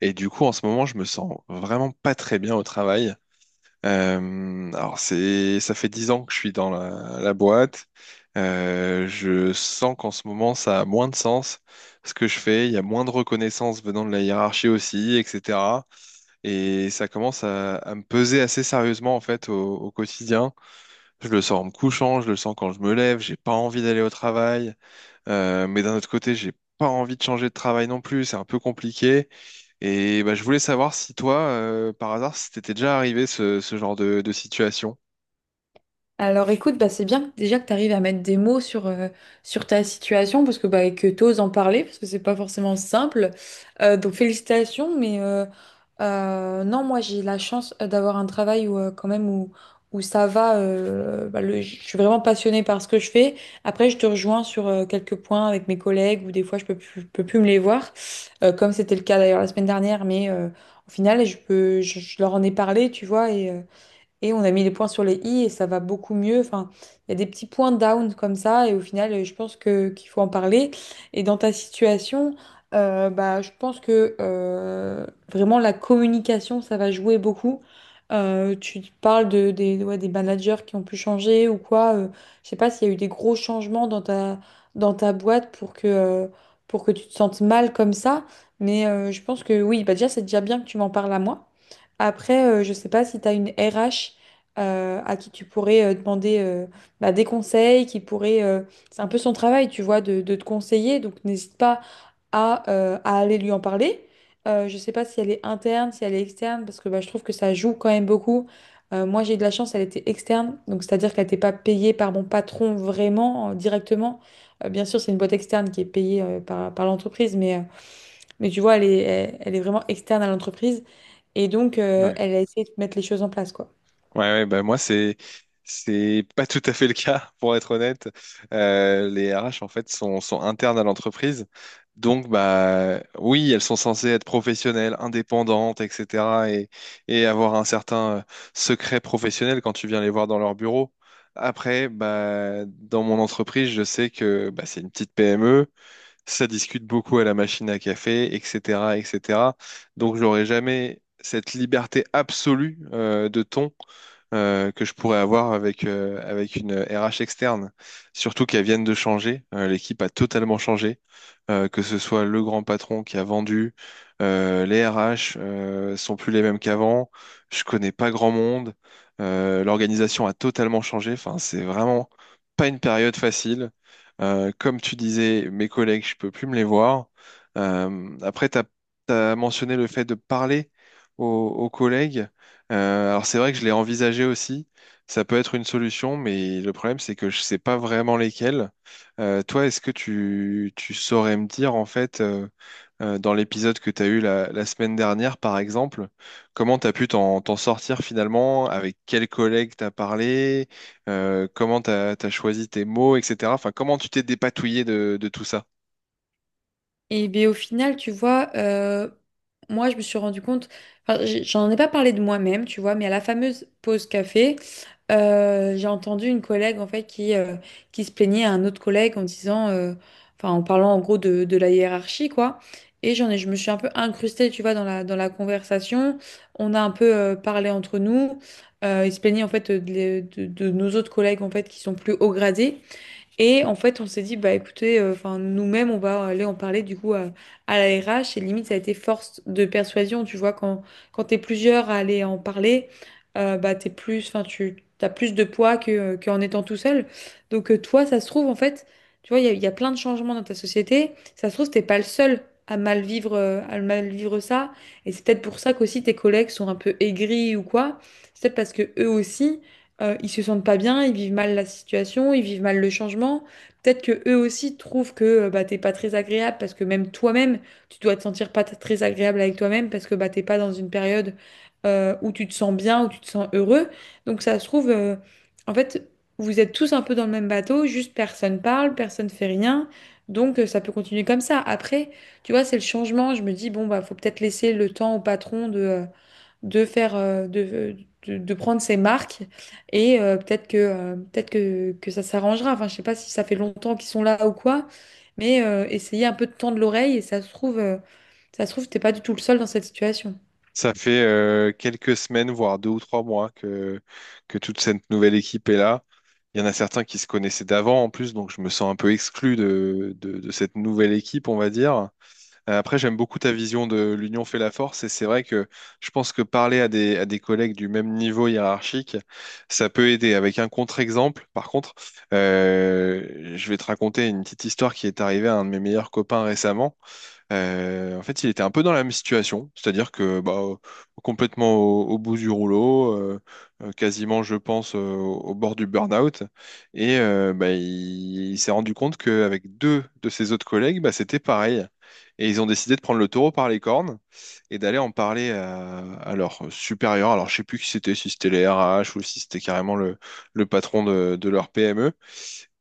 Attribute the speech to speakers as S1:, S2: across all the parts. S1: Et du coup, en ce moment, je me sens vraiment pas très bien au travail. C'est, ça fait 10 ans que je suis dans la boîte. Je sens qu'en ce moment, ça a moins de sens ce que je fais. Il y a moins de reconnaissance venant de la hiérarchie aussi, etc. Et ça commence à me peser assez sérieusement, en fait, au quotidien. Je le sens en me couchant, je le sens quand je me lève, j'ai pas envie d'aller au travail. Mais d'un autre côté, j'ai pas envie de changer de travail non plus, c'est un peu compliqué. Et bah, je voulais savoir si toi, par hasard, si t'étais déjà arrivé ce genre de situation.
S2: Alors écoute, bah, déjà que tu arrives à mettre des mots sur ta situation parce que bah, et que tu oses en parler parce que c'est pas forcément simple. Donc félicitations, mais non, moi j'ai la chance d'avoir un travail où quand même où ça va. Je suis vraiment passionnée par ce que je fais. Après, je te rejoins sur quelques points avec mes collègues où des fois je peux plus me les voir, comme c'était le cas d'ailleurs la semaine dernière, mais au final je leur en ai parlé, tu vois, et on a mis les points sur les i et ça va beaucoup mieux. Enfin, il y a des petits points down comme ça et au final, je pense que qu'il faut en parler. Et dans ta situation, je pense que vraiment la communication, ça va jouer beaucoup. Tu parles ouais, des managers qui ont pu changer ou quoi. Je sais pas s'il y a eu des gros changements dans dans ta boîte pour que pour que tu te sentes mal comme ça. Mais je pense que oui, bah déjà, c'est déjà bien que tu m'en parles à moi. Après, je sais pas si tu as une RH à qui tu pourrais demander bah, des conseils, qui pourrait, c'est un peu son travail, tu vois, de te conseiller, donc n'hésite pas à aller lui en parler. Je sais pas si elle est interne, si elle est externe, parce que bah, je trouve que ça joue quand même beaucoup. Moi, j'ai eu de la chance, elle était externe, donc c'est-à-dire qu'elle n'était pas payée par mon patron vraiment, directement. Bien sûr, c'est une boîte externe qui est payée par, par l'entreprise, mais tu vois, elle est, elle, elle est vraiment externe à l'entreprise. Et donc, elle a essayé de mettre les choses en place, quoi.
S1: Ouais, ouais, bah moi c'est pas tout à fait le cas pour être honnête. Les RH en fait sont internes à l'entreprise, donc bah oui elles sont censées être professionnelles, indépendantes, etc. Et avoir un certain secret professionnel quand tu viens les voir dans leur bureau. Après bah dans mon entreprise je sais que bah, c'est une petite PME, ça discute beaucoup à la machine à café, etc., etc. Donc j'aurais jamais cette liberté absolue de ton que je pourrais avoir avec, avec une RH externe. Surtout qu'elle vienne de changer, l'équipe a totalement changé, que ce soit le grand patron qui a vendu, les RH sont plus les mêmes qu'avant, je connais pas grand monde, l'organisation a totalement changé, enfin c'est vraiment pas une période facile. Comme tu disais, mes collègues, je peux plus me les voir. Après, tu as mentionné le fait de parler aux collègues. Alors c'est vrai que je l'ai envisagé aussi. Ça peut être une solution, mais le problème, c'est que je sais pas vraiment lesquels. Toi, est-ce que tu saurais me dire, en fait, dans l'épisode que tu as eu la semaine dernière, par exemple, comment tu as pu t'en sortir finalement, avec quels collègues tu as parlé, comment tu as choisi tes mots, etc. Enfin, comment tu t'es dépatouillé de tout ça?
S2: Et bien au final, tu vois, moi je me suis rendu compte, j'en ai pas parlé de moi-même, tu vois, mais à la fameuse pause café, j'ai entendu une collègue en fait qui, qui se plaignait à un autre collègue en disant, enfin en parlant en gros de la hiérarchie quoi. Je me suis un peu incrustée, tu vois, dans dans la conversation. On a un peu parlé entre nous. Il se plaignait en fait de nos autres collègues en fait qui sont plus haut gradés. Et en fait, on s'est dit, bah écoutez, enfin, nous-mêmes, on va aller en parler du coup à la RH. Et limite, ça a été force de persuasion. Tu vois, quand t'es plusieurs à aller en parler, bah t'es plus, enfin, tu as plus de poids qu'en étant tout seul. Donc, toi, ça se trouve, en fait, tu vois, il y a plein de changements dans ta société. Ça se trouve, t'es pas le seul à mal vivre ça. Et c'est peut-être pour ça qu'aussi tes collègues sont un peu aigris ou quoi. C'est peut-être parce que eux aussi ils se sentent pas bien, ils vivent mal la situation, ils vivent mal le changement. Peut-être que eux aussi trouvent que bah, t'es pas très agréable parce que même toi-même, tu dois te sentir pas très agréable avec toi-même parce que bah, t'es pas dans une période où tu te sens bien, où tu te sens heureux. Donc ça se trouve, en fait, vous êtes tous un peu dans le même bateau, juste personne parle, personne fait rien. Donc ça peut continuer comme ça. Après, tu vois, c'est le changement. Je me dis, bon, bah, faut peut-être laisser le temps au patron de de faire de prendre ces marques et peut-être que, peut-être que ça s'arrangera. Enfin, je sais pas si ça fait longtemps qu'ils sont là ou quoi, mais essayez un peu de tendre l'oreille et ça se trouve t'es pas du tout le seul dans cette situation.
S1: Ça fait quelques semaines, voire 2 ou 3 mois que toute cette nouvelle équipe est là. Il y en a certains qui se connaissaient d'avant en plus, donc je me sens un peu exclu de cette nouvelle équipe, on va dire. Après, j'aime beaucoup ta vision de l'union fait la force et c'est vrai que je pense que parler à des collègues du même niveau hiérarchique, ça peut aider. Avec un contre-exemple, par contre, je vais te raconter une petite histoire qui est arrivée à un de mes meilleurs copains récemment. En fait, il était un peu dans la même situation, c'est-à-dire que bah, complètement au bout du rouleau, quasiment, je pense, au bord du burn-out, et bah, il s'est rendu compte qu'avec 2 de ses autres collègues, bah, c'était pareil. Et ils ont décidé de prendre le taureau par les cornes et d'aller en parler à leur supérieur. Alors, je sais plus qui c'était, si c'était les RH ou si c'était carrément le patron de leur PME.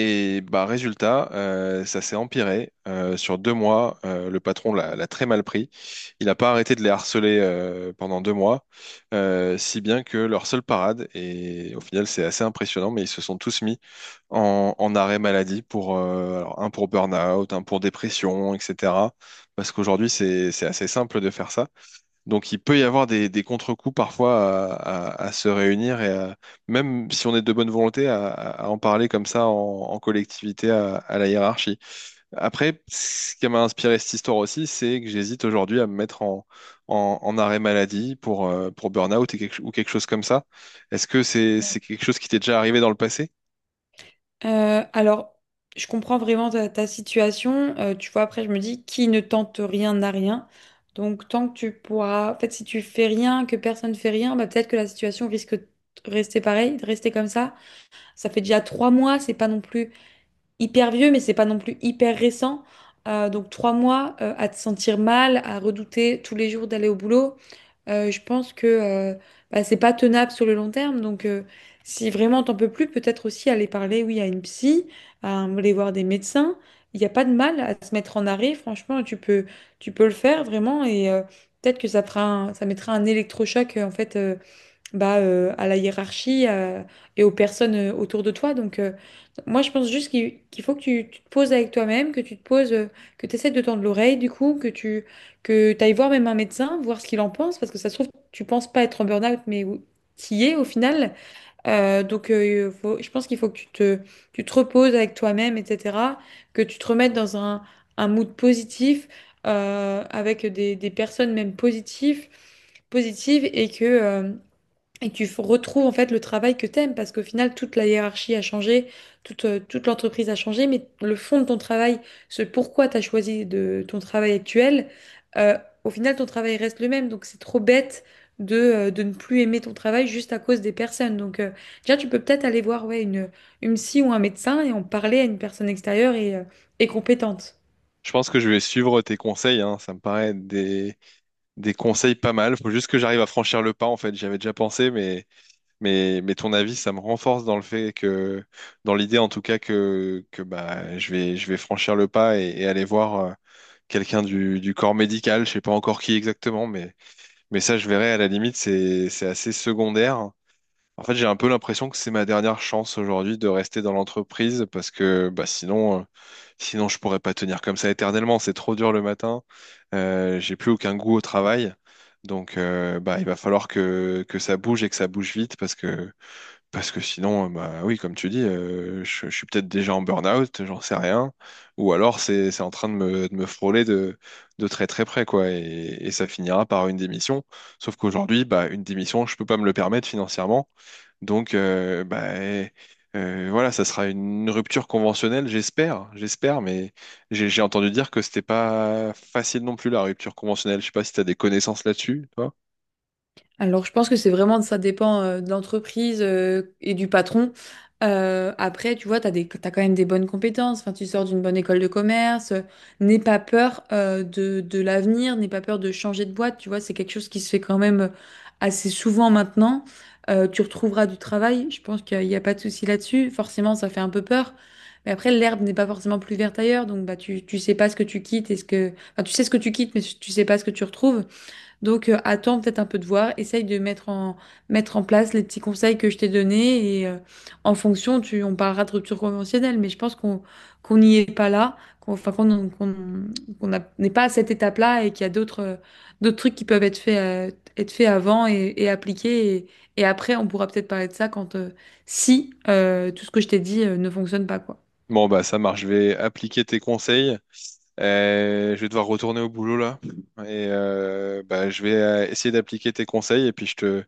S1: Et bah résultat, ça s'est empiré. Sur 2 mois, le patron l'a très mal pris. Il n'a pas arrêté de les harceler pendant 2 mois, si bien que leur seule parade, et au final c'est assez impressionnant, mais ils se sont tous mis en arrêt maladie pour un pour burn-out, un pour dépression, etc. Parce qu'aujourd'hui c'est assez simple de faire ça. Donc il peut y avoir des contre-coups parfois à se réunir et même si on est de bonne volonté à en parler comme ça en collectivité à la hiérarchie. Après, ce qui m'a inspiré cette histoire aussi, c'est que j'hésite aujourd'hui à me mettre en arrêt maladie pour burn-out et ou quelque chose comme ça. Est-ce que c'est quelque chose qui t'est déjà arrivé dans le passé?
S2: Alors, je comprends vraiment ta situation. Tu vois, après, je me dis, qui ne tente rien n'a rien. Donc, tant que tu pourras... En fait, si tu fais rien, que personne ne fait rien, bah, peut-être que la situation risque de rester pareille, de rester comme ça. Ça fait déjà trois mois, c'est pas non plus hyper vieux, mais c'est pas non plus hyper récent. Donc trois mois à te sentir mal, à redouter tous les jours d'aller au boulot, je pense que bah, c'est pas tenable sur le long terme. Donc si vraiment t'en peux plus, peut-être aussi aller parler, oui, à une psy, à aller voir des médecins. Il n'y a pas de mal à se mettre en arrêt, franchement, tu peux le faire vraiment et peut-être que ça mettra un électrochoc à la hiérarchie et aux personnes autour de toi. Donc, moi, je pense juste qu'il faut que tu te poses avec toi-même, que tu te poses, que tu essaies de tendre l'oreille, du coup, que t'ailles voir même un médecin, voir ce qu'il en pense, parce que ça se trouve, tu penses pas être en burn-out, mais qui est au final. Je pense qu'il faut que tu te reposes avec toi-même, etc., que tu te remettes dans un mood positif, avec des personnes même positives et que tu retrouves en fait le travail que t'aimes parce qu'au final toute la hiérarchie a changé, toute l'entreprise a changé, mais le fond de ton travail, ce pourquoi tu as choisi de ton travail actuel, euh, au final ton travail reste le même. Donc c'est trop bête de ne plus aimer ton travail juste à cause des personnes. Donc déjà tu peux peut-être aller voir ouais, une psy ou un médecin et en parler à une personne extérieure et compétente.
S1: Je pense que je vais suivre tes conseils, hein. Ça me paraît des conseils pas mal. Faut juste que j'arrive à franchir le pas, en fait. J'y avais déjà pensé, mais… mais ton avis, ça me renforce dans le fait que, dans l'idée en tout cas que bah, je vais franchir le pas et aller voir quelqu'un du corps médical, je sais pas encore qui exactement, mais ça, je verrai à la limite, c'est assez secondaire. En fait, j'ai un peu l'impression que c'est ma dernière chance aujourd'hui de rester dans l'entreprise parce que bah, sinon, sinon, je pourrais pas tenir comme ça éternellement. C'est trop dur le matin. J'ai plus aucun goût au travail. Donc, bah, il va falloir que ça bouge et que ça bouge vite parce que sinon, bah oui, comme tu dis, je suis peut-être déjà en burn-out, j'en sais rien. Ou alors c'est en train de de me frôler de très très près, quoi. Et ça finira par une démission. Sauf qu'aujourd'hui, bah, une démission, je peux pas me le permettre financièrement. Donc voilà, ça sera une rupture conventionnelle, j'espère. J'espère, mais j'ai entendu dire que c'était pas facile non plus la rupture conventionnelle. Je sais pas si tu as des connaissances là-dessus, toi.
S2: Alors, je pense que c'est vraiment, ça dépend de l'entreprise et du patron. Après, tu vois, t'as quand même des bonnes compétences. Enfin, tu sors d'une bonne école de commerce. N'aie pas peur de l'avenir, n'aie pas peur de changer de boîte. Tu vois, c'est quelque chose qui se fait quand même assez souvent maintenant. Tu retrouveras du travail. Je pense qu'il n'y a pas de souci là-dessus. Forcément, ça fait un peu peur. Mais après, l'herbe n'est pas forcément plus verte ailleurs. Donc, bah, tu sais pas ce que tu quittes et ce que, enfin, tu sais ce que tu quittes, mais tu sais pas ce que tu retrouves. Donc, attends peut-être un peu de voir, essaye de mettre mettre en place les petits conseils que je t'ai donnés et en fonction, on parlera de rupture conventionnelle, mais je pense qu'on n'y est pas là, qu'on enfin, qu'on qu'on- qu'on n'a- n'est pas à cette étape-là et qu'il y a d'autres d'autres trucs qui peuvent être faits avant et appliqués. Et après, on pourra peut-être parler de ça quand si tout ce que je t'ai dit ne fonctionne pas, quoi.
S1: Bon bah ça marche, je vais appliquer tes conseils. Je vais devoir retourner au boulot là et bah, je vais essayer d'appliquer tes conseils et puis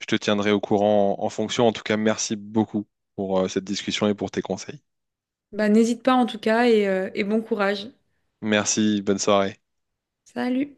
S1: je te tiendrai au courant en fonction. En tout cas, merci beaucoup pour cette discussion et pour tes conseils.
S2: Bah, n'hésite pas en tout cas et et bon courage.
S1: Merci, bonne soirée.
S2: Salut!